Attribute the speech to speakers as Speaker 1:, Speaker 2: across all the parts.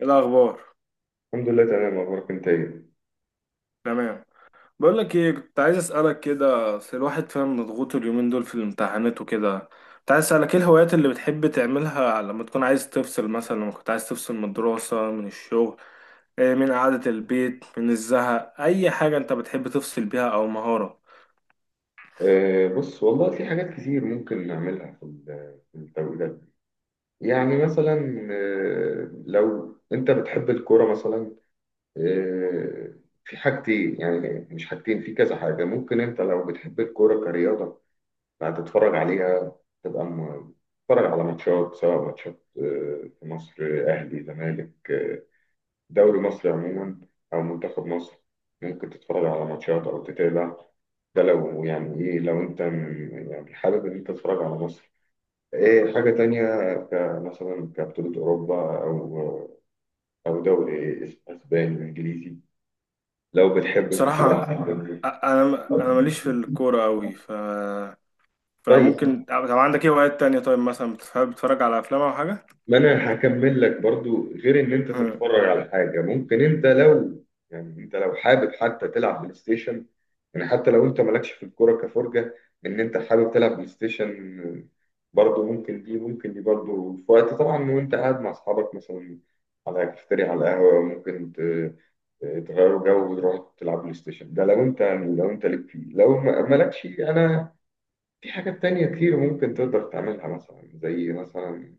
Speaker 1: إيه الأخبار؟
Speaker 2: الحمد لله تمام، اخبارك انت ايه؟
Speaker 1: تمام. بقول لك إيه، كنت عايز أسألك كده. أصل الواحد فاهم مضغوط اليومين دول في الامتحانات وكده. كنت عايز أسألك إيه الهوايات اللي بتحب تعملها لما تكون عايز تفصل، مثلا لما كنت عايز تفصل من الدراسة من الشغل. إيه، من قعدة البيت من الزهق، أي حاجة أنت بتحب تفصل بيها أو مهارة.
Speaker 2: بص والله في حاجات كتير ممكن نعملها في التوقيت ده. يعني مثلا، لو انت بتحب الكوره مثلا، آه، في حاجتين، يعني مش حاجتين، في كذا حاجه ممكن. انت لو بتحب الكوره كرياضه هتتفرج عليها، تبقى م- تتفرج على ماتشات، سواء ماتشات في مصر، اهلي زمالك، دوري مصر عموما، أو منتخب مصر. ممكن تتفرج على ماتشات أو تتابع. ده لو يعني إيه، لو أنت يعني حابب إن أنت تتفرج على مصر. إيه، حاجة تانية كمثلا كبطولة أوروبا، أو أو دوري إسباني إنجليزي، لو بتحب تتفرج
Speaker 1: بصراحة،
Speaker 2: على الدوري.
Speaker 1: أنا ماليش في الكورة أوي،
Speaker 2: طيب،
Speaker 1: فممكن. طب عندك إيه هوايات تانية، طيب مثلا بتحب تتفرج على أفلام أو حاجة؟
Speaker 2: ما انا هكمل لك برضو. غير ان انت تتفرج على حاجه، ممكن انت لو يعني انت لو حابب حتى تلعب بلاي ستيشن، يعني حتى لو انت مالكش في الكوره كفرجه، ان انت حابب تلعب بلاي ستيشن، برضو ممكن. دي برضو في وقت طبعا، وانت قاعد مع اصحابك مثلا على كافتيريا، على القهوه، ممكن تغيروا جو وتروحوا تلعب بلاي ستيشن. ده لو انت يعني لو انت ليك فيه، لو مالكش انا. في حاجات تانية كتير ممكن تقدر تعملها، مثلا زي مثلا،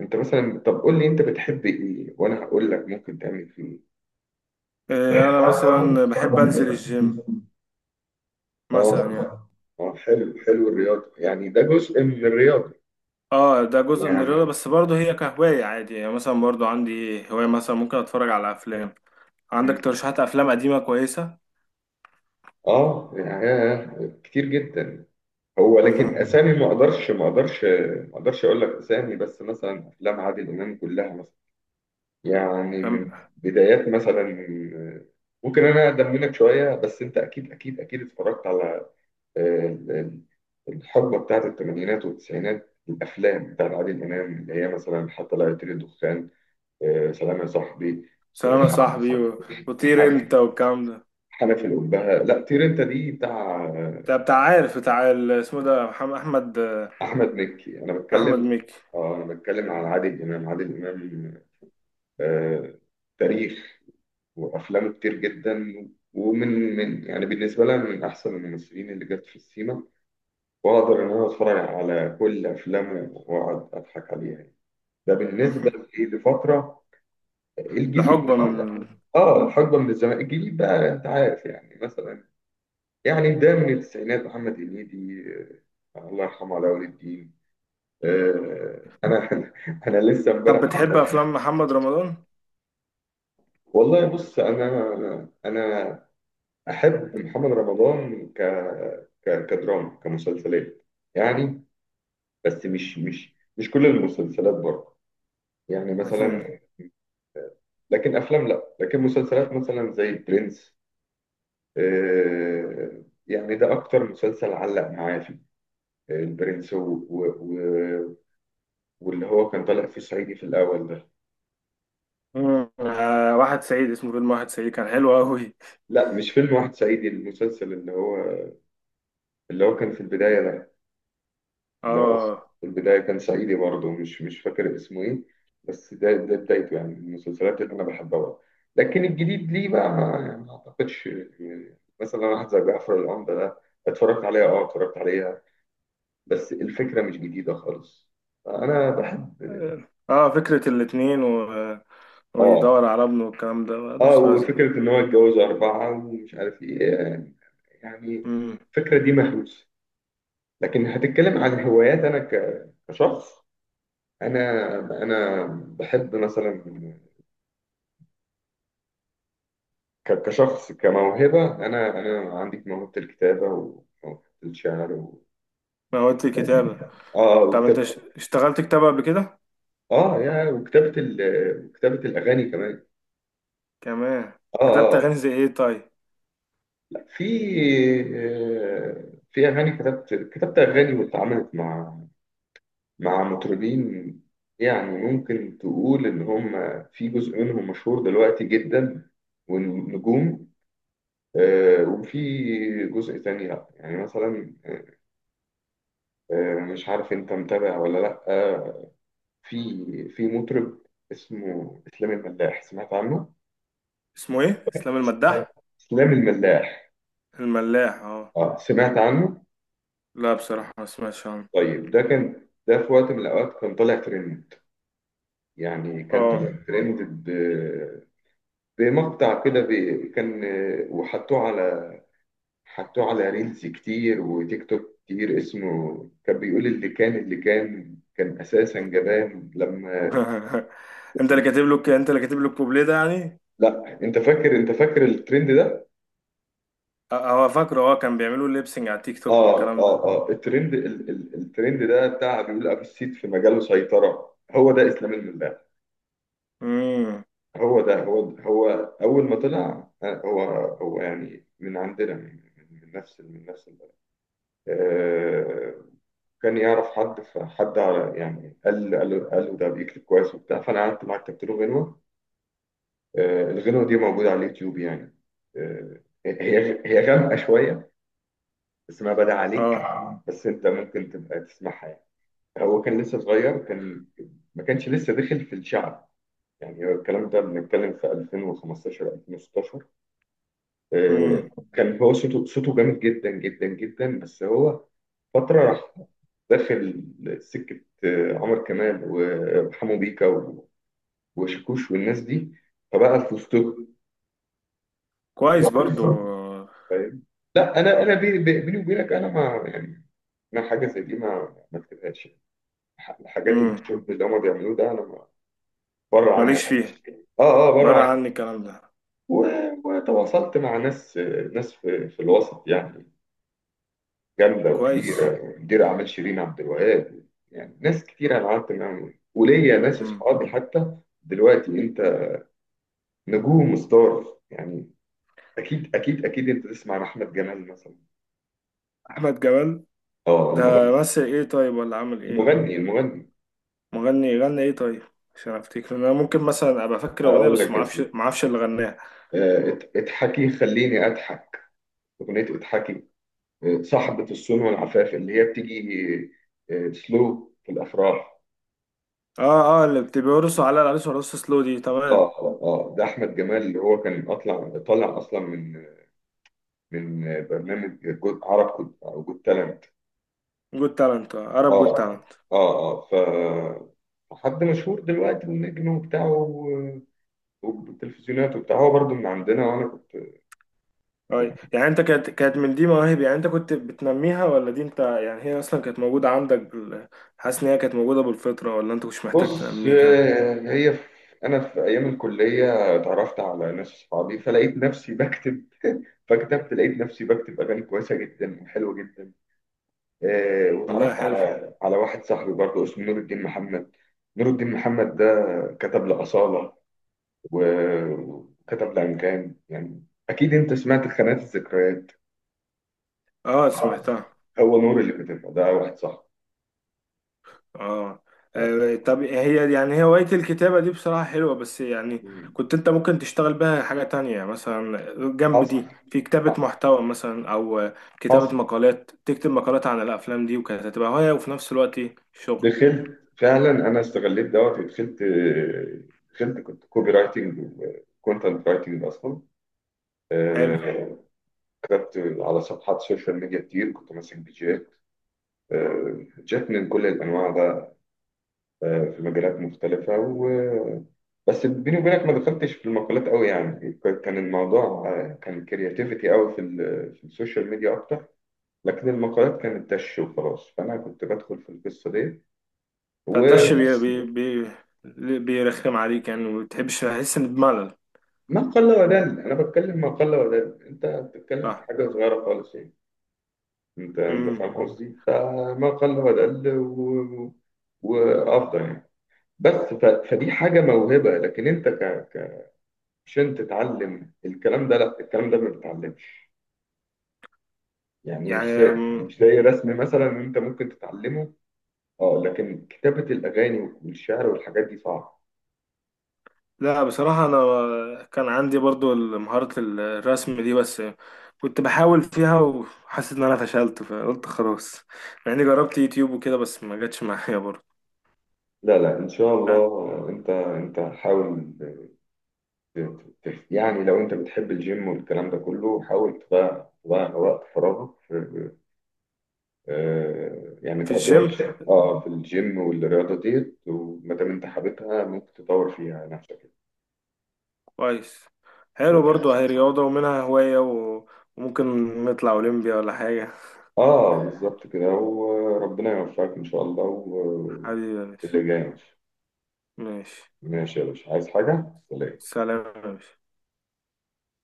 Speaker 2: انت مثلا طب قول لي انت بتحب ايه وانا هقول لك ممكن تعمل فيه إيه.
Speaker 1: إيه، أنا مثلا بحب أنزل الجيم مثلا يعني.
Speaker 2: اه، اه حلو حلو، الرياضة يعني ده جزء من الرياضة.
Speaker 1: اه، ده جزء من الرياضة
Speaker 2: يعني
Speaker 1: بس برضه هي كهواية عادي يعني، مثلا برضه عندي هواية مثلا ممكن اتفرج على افلام. عندك
Speaker 2: مم،
Speaker 1: ترشيحات افلام قديمة كويسة؟
Speaker 2: اه يعني كتير جدا. هو لكن اسامي ما اقدرش اقول لك اسامي، بس مثلا افلام عادل امام كلها مثلا، يعني
Speaker 1: تمام.
Speaker 2: من بدايات مثلا. ممكن انا اقدم منك شوية، بس انت اكيد اتفرجت على ال- ال- الحقبة بتاعت الثمانينات والتسعينات، الأفلام بتاعت عادل إمام، اللي هي مثلا حتى لا يطير الدخان، سلام يا صاحبي،
Speaker 1: سلام يا
Speaker 2: آه،
Speaker 1: صاحبي، وطير
Speaker 2: ح-
Speaker 1: انت والكلام ده.
Speaker 2: حنف الأبهة، لا طير أنت، دي بتاع
Speaker 1: بتاع عارف، بتاع اسمه ده، محمد احمد.
Speaker 2: أحمد مكي. أنا
Speaker 1: احمد
Speaker 2: بتكلم،
Speaker 1: مكي.
Speaker 2: آه أنا بتكلم على عادل إمام، عادل إمام، آه، تاريخ، وأفلامه كتير جدا. ومن من يعني بالنسبة لي أنا من أحسن الممثلين اللي جت في السينما، وأقدر إن أنا أتفرج على كل أفلامه وأقعد أضحك عليها. ده بالنسبه لإيه؟ لفتره. الجديد
Speaker 1: لحقبة
Speaker 2: بقى،
Speaker 1: من.
Speaker 2: اه الحقبه من الزمان الجديد بقى، انت عارف يعني مثلا، يعني ده من التسعينات، محمد هنيدي، الله يرحمه علاء ولي الدين، آه، انا، انا لسه
Speaker 1: طب
Speaker 2: امبارح.
Speaker 1: بتحب افلام محمد رمضان؟
Speaker 2: والله بص، انا احب محمد رمضان كدراما، كمسلسلات يعني. بس مش كل المسلسلات برضه، يعني مثلا، لكن افلام لا، لكن مسلسلات مثلا زي برنس، آه، يعني ده اكتر مسلسل علق معايا فيه، آه، البرنس و... و... واللي هو كان طالع فيه صعيدي في الاول ده.
Speaker 1: مم. آه، واحد سعيد، اسمه فيلم واحد سعيد، كان حلو قوي.
Speaker 2: لا، مش فيلم واحد صعيدي، المسلسل اللي هو كان في البداية ده، اللي هو
Speaker 1: اه،
Speaker 2: في البداية كان صعيدي برضه، مش فاكر اسمه ايه، بس ده بدايته، يعني من المسلسلات اللي انا بحبها برضه. لكن الجديد ليه بقى ما يعني ما اعتقدش. يعني مثلا واحد زي جعفر العمدة ده، اتفرجت عليها، اه اتفرجت عليها، بس الفكرة مش جديدة خالص. انا بحب،
Speaker 1: اه، فكرة الاتنين و...
Speaker 2: اه
Speaker 1: ويدور على ابنه والكلام ده
Speaker 2: اه،
Speaker 1: ملوش لازمة.
Speaker 2: وفكرة ان هو اتجوز اربعة، ومش عارف ايه يعني، يعني
Speaker 1: امم.
Speaker 2: الفكرة دي مهووسة. لكن هتتكلم عن هوايات، انا كشخص، انا انا بحب مثلا، كشخص كموهبة، انا عندي موهبة الكتابة وموهبة الشعر
Speaker 1: ما هو دي كتابة.
Speaker 2: اه،
Speaker 1: طب انت
Speaker 2: وكتابة،
Speaker 1: اشتغلت كتابة قبل كده؟
Speaker 2: اه يا، وكتابة وكتابة الاغاني كمان.
Speaker 1: كمان.
Speaker 2: اه
Speaker 1: كتبت اغاني
Speaker 2: اه،
Speaker 1: زي ايه طيب؟
Speaker 2: لا، في، آه، في اغاني، كتبت اغاني واتعاملت مع مع مطربين. يعني ممكن تقول إن هم في جزء منهم مشهور دلوقتي جدا، ونجوم، وفي جزء تاني لأ. يعني مثلا، مش عارف أنت متابع ولا لأ، في في مطرب اسمه إسلام الملاح، سمعت عنه؟
Speaker 1: اسمه ايه؟ اسلام المداح؟
Speaker 2: إسلام الملاح،
Speaker 1: الملاح، اه.
Speaker 2: اه سمعت عنه؟
Speaker 1: لا بصراحة ما سمعتش عنه.
Speaker 2: طيب، ده كان، ده في وقت من الأوقات كان طالع ترند، يعني كان
Speaker 1: اه.
Speaker 2: طالع ترند، زي مقطع كده كان وحطوه على، حطوه على ريلز كتير، وتيك توك كتير، اسمه كان بيقول، اللي كان كان اساسا جبان، لما،
Speaker 1: انت اللي كاتب له الكوبليه ده يعني؟
Speaker 2: لا انت فاكر، انت فاكر الترند ده؟
Speaker 1: هو فاكره، اه كان بيعملوا ليبسنج على تيك توك
Speaker 2: اه
Speaker 1: والكلام ده.
Speaker 2: اه اه الترند، ال ال الترند ده بتاع، بيقول ابو السيد في مجاله سيطرة. هو ده اسلام الملاح،
Speaker 1: امم.
Speaker 2: هو ده هو، اول ما طلع، هو يعني من عندنا، من نفس، من نفس البلد، آه، كان يعرف حد، فحد على- يعني، قال له ده بيكتب كويس وبتاع، فانا قعدت معاه كتبت له غنوه، الغنوه دي موجوده على اليوتيوب يعني، آه، هي غامقه شويه، اسمها بدع عليك،
Speaker 1: اه.
Speaker 2: بس انت ممكن تبقى تسمعها يعني. هو كان لسه صغير، كان ما كانش لسه داخل في الشعب، يعني هو الكلام ده بنتكلم في 2015 2016، آه،
Speaker 1: امم.
Speaker 2: كان هو صوته، صوته جامد جدا، بس هو فترة راح داخل سكة عمر كمال، وحمو بيكا وشاكوش والناس دي، فبقى في وسطهم.
Speaker 1: كويس برضو.
Speaker 2: فاهم؟ لا أنا، أنا بيني وبينك، أنا ما يعني، أنا حاجة زي دي ما كتبهاش يعني. الحاجات
Speaker 1: امم.
Speaker 2: الشرب اللي هما بيعملوه ده، أنا بره عني
Speaker 1: ماليش
Speaker 2: خالص.
Speaker 1: فيه.
Speaker 2: آه، آه بره
Speaker 1: بره
Speaker 2: عني.
Speaker 1: عني الكلام ده.
Speaker 2: و- وتواصلت مع ناس، ناس في في الوسط يعني، جامده
Speaker 1: كويس.
Speaker 2: وكبيره، مدير اعمال شيرين عبد الوهاب. يعني ناس كتير انا قعدت معاهم، وليا ناس
Speaker 1: مم.
Speaker 2: اصحابي حتى دلوقتي. انت، نجوم وستار يعني، اكيد انت تسمع عن احمد جمال مثلا.
Speaker 1: احمد جمال
Speaker 2: اه
Speaker 1: ده.
Speaker 2: المغني
Speaker 1: مثل ايه طيب ولا عمل ايه؟
Speaker 2: المغني المغني.
Speaker 1: مغني غنى ايه طيب؟ عشان افتكر انا ممكن مثلا ابقى فاكر اغنيه
Speaker 2: اقول
Speaker 1: بس
Speaker 2: لك
Speaker 1: ما
Speaker 2: يا
Speaker 1: اعرفش
Speaker 2: سيدي،
Speaker 1: ما اعرفش اللي غناها.
Speaker 2: اضحكي، خليني اضحك، اغنيه اضحكي، صاحبه الصون والعفاف، اللي هي بتيجي سلو في الافراح.
Speaker 1: اه، اه، اللي بيرقصوا على العريس ورقص سلو دي، تمام.
Speaker 2: اه آه، ده احمد جمال، اللي هو كان اطلع، طالع اصلا من من برنامج جزء عرب كود، او جود تالنت.
Speaker 1: جود تالنت، عرب جود
Speaker 2: اه
Speaker 1: تالنت.
Speaker 2: اه اه ف حد مشهور دلوقتي ونجم وبتاع، والتلفزيونات وبتاع، هو برضو من عندنا، وانا كنت.
Speaker 1: طيب، يعني انت كانت من دي مواهب، يعني انت كنت بتنميها ولا دي انت يعني هي اصلا كانت موجوده عندك بال... حاسس ان هي كانت موجوده بالفطره ولا انت مش محتاج
Speaker 2: بص،
Speaker 1: تنميها؟
Speaker 2: آه، هي في، انا في ايام الكليه اتعرفت على ناس اصحابي، فلقيت نفسي بكتب، فكتبت، لقيت نفسي بكتب اغاني كويسه جدا وحلوه جدا. آه
Speaker 1: والله
Speaker 2: واتعرفت
Speaker 1: حلو.
Speaker 2: على على واحد صاحبي برضه اسمه نور الدين محمد. نور الدين محمد ده كتب لأصالة وكتب لأنغام. يعني أكيد أنت سمعت خانات الذكريات،
Speaker 1: اه سمعتها.
Speaker 2: هو نور اللي كتبها. ده واحد صح.
Speaker 1: اه.
Speaker 2: آه.
Speaker 1: آه، طب هي هواية الكتابة دي بصراحة حلوة بس يعني
Speaker 2: مم.
Speaker 1: كنت انت ممكن تشتغل بها حاجة تانية مثلا، جنب
Speaker 2: حصل،
Speaker 1: دي في كتابة محتوى مثلا او
Speaker 2: حصل،
Speaker 1: كتابة مقالات، تكتب مقالات عن الافلام دي، وكانت هتبقى هواية وفي نفس الوقت شغل.
Speaker 2: دخلت فعلا، أنا استغليت دوت ودخلت، دخلت كنت كوبي رايتنج وكونتنت رايتنج أصلا.
Speaker 1: حلو.
Speaker 2: آه، كتبت على صفحات سوشيال ميديا كتير، كنت ماسك بيجات، جات من كل الأنواع بقى، في مجالات مختلفة، و بس بيني وبينك ما دخلتش في المقالات قوي، يعني كان الموضوع كان كرياتيفيتي قوي في, في السوشيال ميديا أكتر. لكن المقالات كانت دش وخلاص، فأنا كنت بدخل في القصة دي
Speaker 1: فداش بي
Speaker 2: وبس.
Speaker 1: بي بي بيرخم عليك يعني، وما بتحبش تحس ان بملل.
Speaker 2: ما قل ودل، أنا بتكلم ما قل ودل، أنت بتتكلم في
Speaker 1: صح.
Speaker 2: حاجة صغيرة خالص يعني. أنت
Speaker 1: امم.
Speaker 2: فاهم قصدي، فما قل ودل وأفضل يعني. بس فدي حاجة موهبة. لكن أنت ك... عشان تتعلم الكلام ده، لا الكلام ده ما بيتعلمش. يعني مش زي،
Speaker 1: يعني.
Speaker 2: مش زي رسم مثلا انت ممكن تتعلمه، اه، لكن كتابة الأغاني والشعر والحاجات دي صعبة.
Speaker 1: لا بصراحة أنا كان عندي برضو مهارة الرسم دي بس كنت بحاول فيها وحاسس إن أنا فشلت فقلت خلاص. مع إني جربت يوتيوب وكده بس ما جاتش معايا برضو.
Speaker 2: لا لا ان شاء
Speaker 1: أه.
Speaker 2: الله، انت حاول يعني لو انت بتحب الجيم والكلام ده كله، حاول تضيع، تضيع وقت فراغك في يعني
Speaker 1: في
Speaker 2: تقضي وقت،
Speaker 1: الجيم.
Speaker 2: اه في الجيم والرياضة ديت. وما دام انت حاببها، ممكن تطور فيها نفسك.
Speaker 1: كويس. حلو برضو، هي رياضة ومنها هواية و... وممكن نطلع أولمبيا ولا حاجة.
Speaker 2: اه بالظبط كده، وربنا يوفقك ان شاء الله
Speaker 1: حبيبي يا
Speaker 2: في
Speaker 1: باشا.
Speaker 2: اللي جاي. ماشي،
Speaker 1: ماشي.
Speaker 2: ماشي يا باشا، عايز حاجة؟ سلام.
Speaker 1: سلام يا باشا.